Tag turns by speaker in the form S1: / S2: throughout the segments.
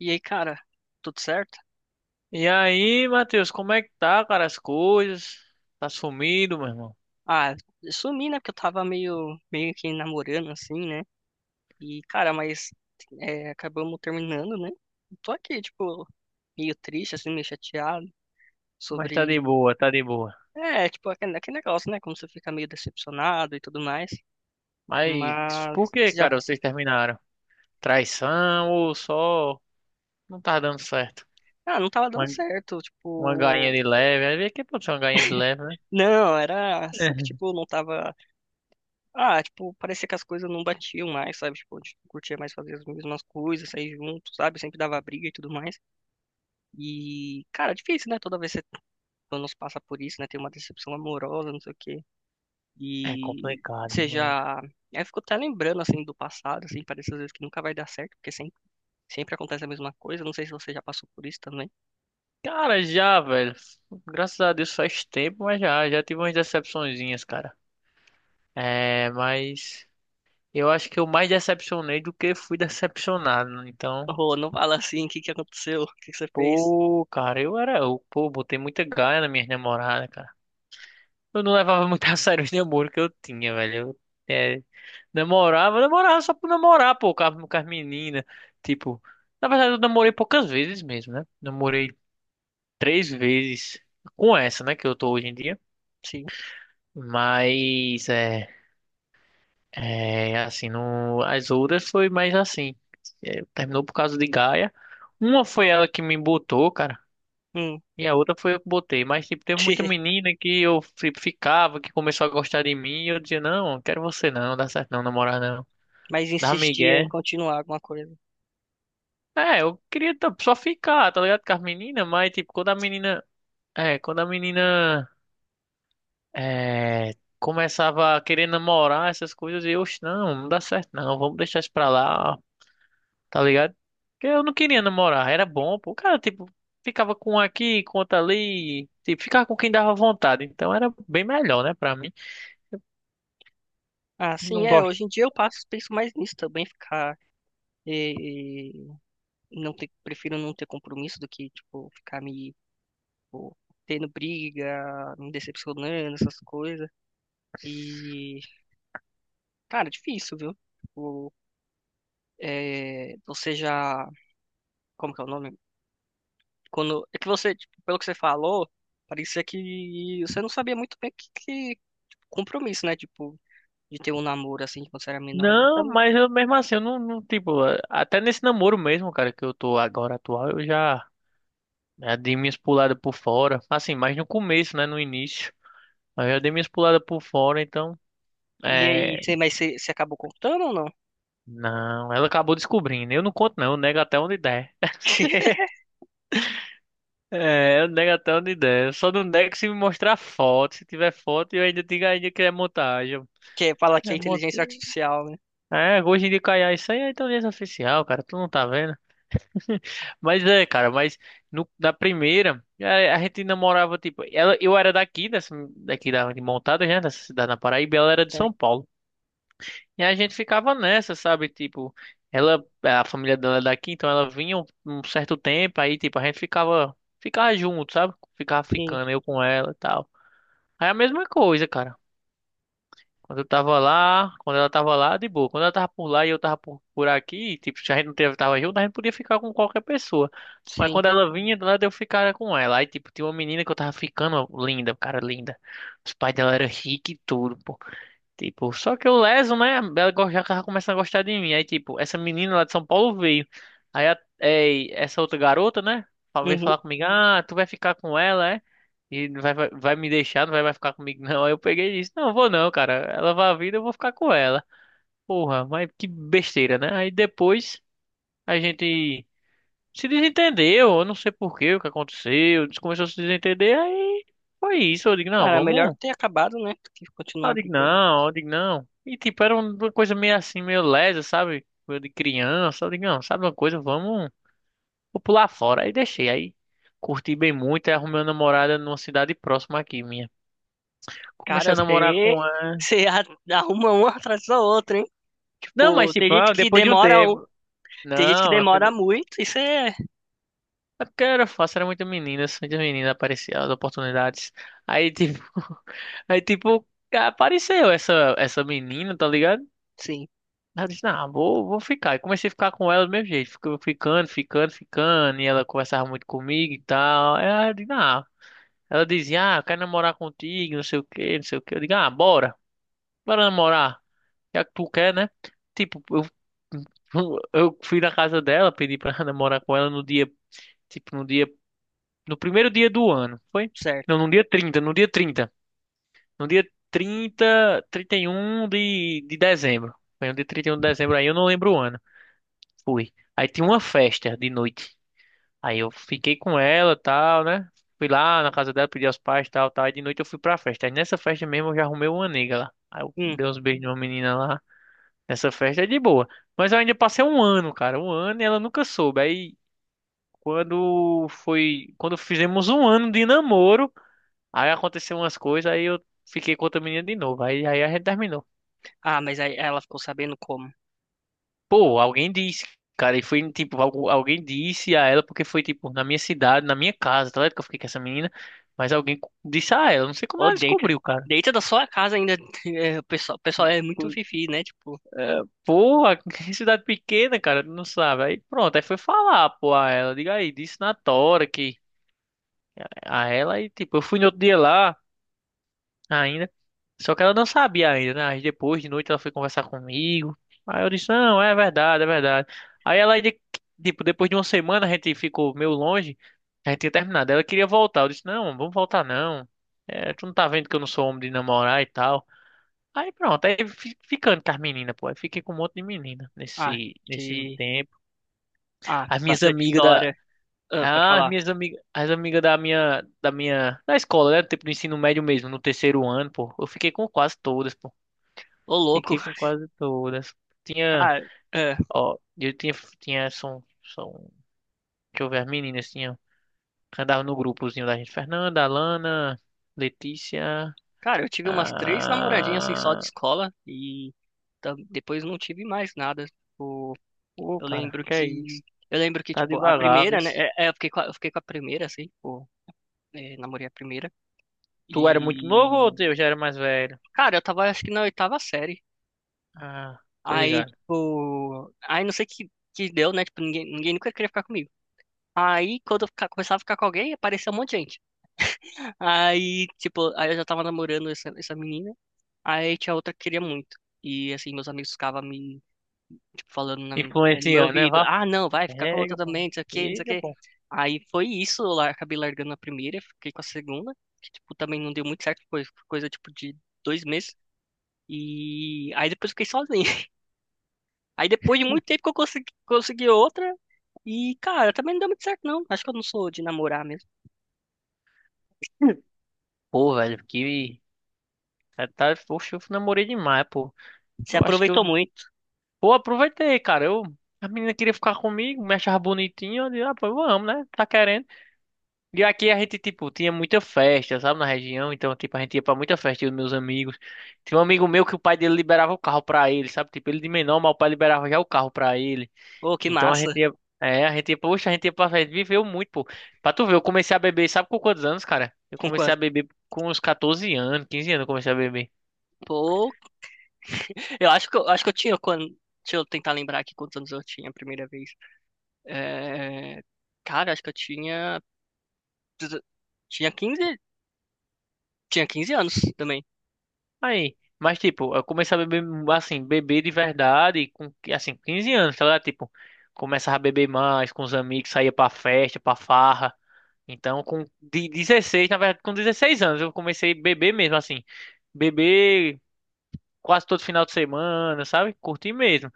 S1: E aí, cara, tudo certo?
S2: E aí, Matheus, como é que tá, cara, as coisas? Tá sumido, meu irmão.
S1: Ah, eu sumi, né? Porque eu tava meio que namorando, assim, né? E, cara, mas é, acabamos terminando, né? Eu tô aqui, tipo, meio triste, assim, meio chateado
S2: Mas tá de
S1: sobre.
S2: boa, tá de boa.
S1: É, tipo, aquele negócio, né? Como você fica meio decepcionado e tudo mais.
S2: Mas
S1: Mas
S2: por que,
S1: já.
S2: cara, vocês terminaram? Traição ou só não tá dando certo?
S1: Ah, não tava dando
S2: Uma,
S1: certo,
S2: uma galinha
S1: tipo.
S2: de leve, às vezes que pode ser uma galinha de leve, né?
S1: Não, era. Só que, tipo, não tava. Ah, tipo, parecia que as coisas não batiam mais, sabe? Tipo, a gente não curtia mais fazer as mesmas coisas, sair junto, sabe? Sempre dava briga e tudo mais. E, cara, difícil, né? Toda vez que você pelo menos passa por isso, né? Tem uma decepção amorosa, não sei o quê.
S2: É
S1: E
S2: complicado,
S1: você
S2: mas...
S1: já. Aí eu fico até lembrando, assim, do passado, assim, parece às vezes que nunca vai dar certo, porque sempre acontece a mesma coisa. Não sei se você já passou por isso também.
S2: Cara, já, velho. Graças a Deus faz tempo, mas já tive umas decepçõezinhas, cara. É, mas eu acho que eu mais decepcionei do que fui decepcionado, né? Então,
S1: Oh, não fala assim, o que que aconteceu? O que que você fez?
S2: pô, cara, eu era. Eu, pô, botei muita gaia na minha namorada, cara. Eu não levava muito a sério os namoros que eu tinha, velho. Eu, é, namorava, namorava só por namorar, pô, com as meninas. Tipo, na verdade eu namorei poucas vezes mesmo, né? Namorei três vezes com essa, né, que eu tô hoje em dia.
S1: Sim.
S2: Mas, é. É, assim, não, as outras foi mais assim. É, terminou por causa de gaia. Uma foi ela que me botou, cara.
S1: Hum.
S2: E a outra foi eu que botei. Mas, tipo, teve muita menina que eu ficava, que começou a gostar de mim. E eu dizia, não, quero você não, não dá certo não, namorar não.
S1: Mas
S2: Dá
S1: insistia em
S2: migué.
S1: continuar alguma coisa.
S2: É, eu queria só ficar, tá ligado? Com as meninas, mas, tipo, quando a menina... É, quando a menina... É... Começava a querer namorar essas coisas. E eu, "Oxe, não, não dá certo não. Vamos deixar isso pra lá, tá ligado? Porque eu não queria namorar. Era bom, pô. O cara, tipo, ficava com um aqui, com outro ali. Tipo, ficava com quem dava vontade. Então, era bem melhor, né, pra mim.
S1: Ah, sim,
S2: Não
S1: é.
S2: gosto.
S1: Hoje em dia eu passo, penso mais nisso também, ficar e, não ter, prefiro não ter compromisso do que, tipo, ficar me, tipo, tendo briga, me decepcionando, essas coisas. E, cara, é difícil, viu? Tipo, é, você já, como que é o nome? Quando, é que você, tipo, pelo que você falou, parecia que você não sabia muito bem o que, que tipo, compromisso, né? Tipo, de ter um namoro assim quando você era menor. Eu
S2: Não,
S1: também-
S2: mas eu mesmo assim, eu não, não, tipo, até nesse namoro mesmo, cara, que eu tô agora atual, eu já, já dei minhas puladas por fora. Assim, mas no começo, né, no início. Mas eu já dei minhas puladas por fora, então,
S1: E aí,
S2: é.
S1: você, mas você acabou contando ou não?
S2: Não, ela acabou descobrindo. Eu não conto, não, eu nego até onde der. É, eu nego até onde der. Eu só não nego se me mostrar foto. Se tiver foto, eu ainda digo ainda que é montagem.
S1: Que fala que é
S2: É, mont...
S1: inteligência artificial, né?
S2: é, hoje em dia caiu isso aí é inteligência artificial, cara, tu não tá vendo? Mas é, cara, mas na primeira, a gente namorava, tipo, ela, eu era daqui, dessa, daqui da, de Montada, né, dessa cidade na Paraíba, ela era de São
S1: Certo.
S2: Paulo. E a gente ficava nessa, sabe, tipo, ela, a família dela é daqui, então ela vinha um certo tempo, aí, tipo, a gente ficava, ficava junto, sabe, ficava
S1: Sim,
S2: ficando, eu com ela e tal. Aí a mesma coisa, cara. Quando eu tava lá, quando ela tava lá, de boa. Quando ela tava por lá e eu tava por aqui, tipo, se a gente não tava junto, a gente podia ficar com qualquer pessoa. Mas
S1: sim.
S2: quando ela vinha, do nada eu ficava com ela. Aí, tipo, tinha uma menina que eu tava ficando ó, linda, cara, linda. Os pais dela eram ricos e tudo, pô. Tipo, só que o Leso, né? Ela já tava começando a gostar de mim. Aí, tipo, essa menina lá de São Paulo veio. Aí, é, essa outra garota, né? Veio
S1: Uhum.
S2: falar comigo: Ah, tu vai ficar com ela, é? E não vai, vai me deixar, não vai ficar comigo, não. Aí eu peguei e disse: Não, vou não, cara. Ela vai vir, eu vou ficar com ela. Porra, mas que besteira, né? Aí depois a gente se desentendeu. Eu não sei por quê, o que aconteceu. A gente começou a se desentender. Aí foi isso. Eu digo: Não,
S1: Cara, melhor
S2: vamos.
S1: ter acabado, né? Do que
S2: Aí eu
S1: continuar
S2: digo,
S1: brigando.
S2: não, eu digo, não. E tipo, era uma coisa meio assim, meio lesa, sabe? Coisa de criança. Eu digo, não, sabe uma coisa? Vamos, vou pular fora. Aí deixei, aí curti bem muito. Aí arrumei uma namorada numa cidade próxima aqui, minha. Comecei
S1: Cara,
S2: a namorar
S1: você,
S2: com ela.
S1: você a- arruma uma atrás da outra, hein?
S2: Não, mas
S1: Tipo, tem
S2: tipo,
S1: gente
S2: não,
S1: que
S2: depois de um
S1: demora, um-
S2: tempo.
S1: tem gente que
S2: Não, mas foi-
S1: demora muito, isso é.
S2: é porque era fácil, era muita menina, muitas meninas apareciam, as oportunidades. Aí tipo, aí tipo, apareceu essa menina, tá ligado?
S1: Sim,
S2: Aí eu disse, não, vou ficar. E comecei a ficar com ela do mesmo jeito. Ficou ficando, ficando, ficando. E ela conversava muito comigo e tal. Aí eu disse, não. Ela dizia, ah, eu quero namorar contigo, não sei o que, não sei o que. Eu digo, ah, bora. Bora namorar. Já que tu quer, né? Tipo, eu, eu fui na casa dela, pedi pra namorar com ela no dia, tipo, no dia, no primeiro dia do ano. Foi?
S1: certo.
S2: Não, no dia No dia trinta e um de dezembro. Foi no dia 31 de dezembro aí, eu não lembro o ano. Fui. Aí tinha uma festa de noite. Aí eu fiquei com ela, tal, né? Fui lá na casa dela, pedi aos pais, tal, tal. Aí de noite eu fui pra festa. Aí nessa festa mesmo eu já arrumei uma nega lá. Aí eu
S1: Hum.
S2: dei uns beijos numa menina lá. Nessa festa é de boa. Mas eu ainda passei um ano, cara. Um ano e ela nunca soube. Aí quando foi. Quando fizemos um ano de namoro, aí aconteceu umas coisas, aí eu fiquei com outra menina de novo. Aí, aí a gente terminou.
S1: Ah, mas aí ela ficou sabendo como.
S2: Pô, alguém disse, cara, e foi tipo, alguém disse a ela porque foi tipo na minha cidade, na minha casa, tá ligado? Que eu fiquei com essa menina, mas alguém disse a ela, não sei como
S1: Ô,
S2: ela
S1: dentro,
S2: descobriu, cara.
S1: dentro da sua casa ainda, é, o pessoal é muito
S2: Co-
S1: fifi, né? Tipo,
S2: É, porra, que cidade pequena, cara, não sabe. Aí pronto, aí foi falar, pô, a ela, diga aí, disse na tora que a ela, e tipo, eu fui no outro dia lá ainda. Só que ela não sabia ainda, né? Aí depois de noite ela foi conversar comigo. Aí eu disse, não, é verdade, é verdade. Aí ela, tipo, depois de uma semana a gente ficou meio longe, a gente tinha terminado. Ela queria voltar. Eu disse, não, vamos voltar não. É, tu não tá vendo que eu não sou homem de namorar e tal. Aí pronto, aí ficando com as meninas, pô. Aí fiquei com um monte de menina
S1: ah,
S2: nesse
S1: que,
S2: tempo.
S1: ah,
S2: As minhas
S1: bastante
S2: amigas da.
S1: história. Ah, pode
S2: Ah, as
S1: falar.
S2: minhas amigas, as amigas da escola, né? Tipo, do ensino médio mesmo, no terceiro ano, pô. Eu fiquei com quase todas, pô.
S1: Ô, louco,
S2: Fiquei com quase todas. Tinha,
S1: cara. Ah.
S2: ó, eu tinha, são, deixa eu ver, as meninas andavam no grupozinho da gente, Fernanda, Alana, Letícia,
S1: Cara, eu tive umas três namoradinhas assim só de
S2: ah,
S1: escola e ta- depois não tive mais nada. Tipo,
S2: ô,
S1: eu
S2: cara,
S1: lembro
S2: que é
S1: que
S2: isso?
S1: eu lembro que
S2: Tá
S1: tipo a
S2: devagar,
S1: primeira, né?
S2: vês?
S1: Eu fiquei com a, eu fiquei com a primeira assim, tipo, é, namorei a primeira
S2: Tu era muito novo ou
S1: e
S2: eu já era mais velho?
S1: cara, eu tava acho que na oitava série.
S2: Ah, tô
S1: Aí
S2: ligado.
S1: tipo, aí não sei que deu, né? Tipo, ninguém nunca queria ficar comigo. Aí quando eu fica- começava a ficar com alguém, aparecia um monte de gente. Aí tipo, aí eu já tava namorando essa menina. Aí tinha outra que queria muito. E assim, meus amigos ficavam me tipo, falando na- no meu
S2: Influenciando, né,
S1: ouvido,
S2: vá?
S1: ah, não, vai ficar com a outra
S2: Pega,
S1: também,
S2: pô,
S1: não sei o quê, não sei o
S2: pega,
S1: quê.
S2: pô.
S1: Aí foi isso, eu lar- acabei largando a primeira, fiquei com a segunda, que, tipo, também não deu muito certo, foi coisa, tipo, de 2 meses. E aí depois eu fiquei sozinho. Aí depois de muito tempo que eu consegui outra, e, cara, também não deu muito certo, não. Acho que eu não sou de namorar mesmo.
S2: Pô, velho, que... Tá, poxa, eu namorei demais, pô.
S1: Você
S2: Eu acho que eu
S1: aproveitou muito.
S2: Pô, aproveitei, cara. Eu, a menina queria ficar comigo, me achava bonitinho. Eu disse, ah, pô, vamos, né? Tá querendo. E aqui a gente, tipo, tinha muita festa, sabe, na região. Então, tipo, a gente ia pra muita festa, eu e meus amigos. Tinha um amigo meu que o pai dele liberava o carro pra ele, sabe? Tipo, ele de menor, mas o pai liberava já o carro pra ele.
S1: Ô, que
S2: Então a
S1: massa.
S2: gente ia. É, a gente ia, poxa, a gente ia pra festa. Viveu muito, pô. Pra tu ver, eu comecei a beber, sabe com quantos anos, cara? Eu
S1: Com
S2: comecei a
S1: quanto?
S2: beber com uns 14 anos, 15 anos, eu comecei a beber.
S1: Pô, eu acho que eu tinha quando... Deixa eu tentar lembrar aqui quantos anos eu tinha a primeira vez. É... Cara, acho que eu tinha. Tinha 15 tinha 15 anos também.
S2: Aí, mas tipo, eu comecei a beber, assim, beber de verdade com, assim, 15 anos, tá ligado? Tipo, começava a beber mais com os amigos, saía pra festa, pra farra. Então, com de 16, na verdade, com 16 anos, eu comecei a beber mesmo, assim. Beber quase todo final de semana, sabe? Curtir mesmo.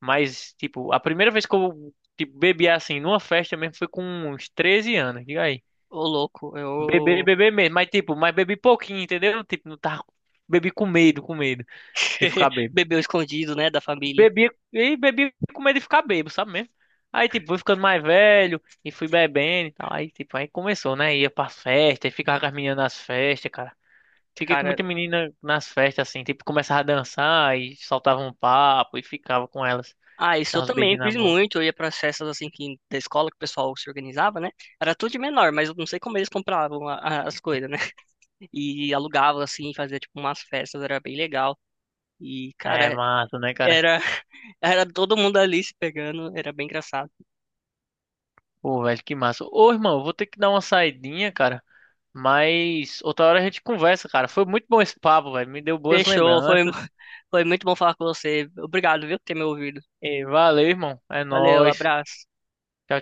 S2: Mas, tipo, a primeira vez que eu, tipo, bebi, assim, numa festa mesmo foi com uns 13 anos, diga aí.
S1: Ô, louco,
S2: Beber,
S1: eu
S2: beber mesmo, mas, tipo, mas bebi pouquinho, entendeu? Tipo, não tava... Bebi com medo de ficar bêbado.
S1: bebeu escondido, né, da família.
S2: Bebi e bebi com medo de ficar bêbado, sabe mesmo? Aí, tipo, fui ficando mais velho e fui bebendo e tal. Aí, tipo, aí começou, né? Ia pras festa e ficava com as meninas nas festas, cara. Fiquei com
S1: Cara,
S2: muita menina nas festas, assim, tipo, começava a dançar e soltava um papo e ficava com elas.
S1: ah, isso eu
S2: Dava uns
S1: também
S2: beijinhos na
S1: fiz
S2: boca.
S1: muito. Eu ia para festas assim que da escola que o pessoal se organizava, né? Era tudo de menor, mas eu não sei como eles compravam a- as coisas, né? E alugavam assim, fazia tipo umas festas, era bem legal. E
S2: É
S1: cara,
S2: massa, né, cara?
S1: era era todo mundo ali se pegando, era bem engraçado.
S2: Pô, velho, que massa. Ô, irmão, eu vou ter que dar uma saidinha, cara. Mas outra hora a gente conversa, cara. Foi muito bom esse papo, velho. Me deu boas
S1: Fechou, foi mu-
S2: lembranças.
S1: foi muito bom falar com você. Obrigado, viu, por ter me ouvido.
S2: E valeu, irmão. É
S1: Valeu,
S2: nóis.
S1: abraço.
S2: Tchau,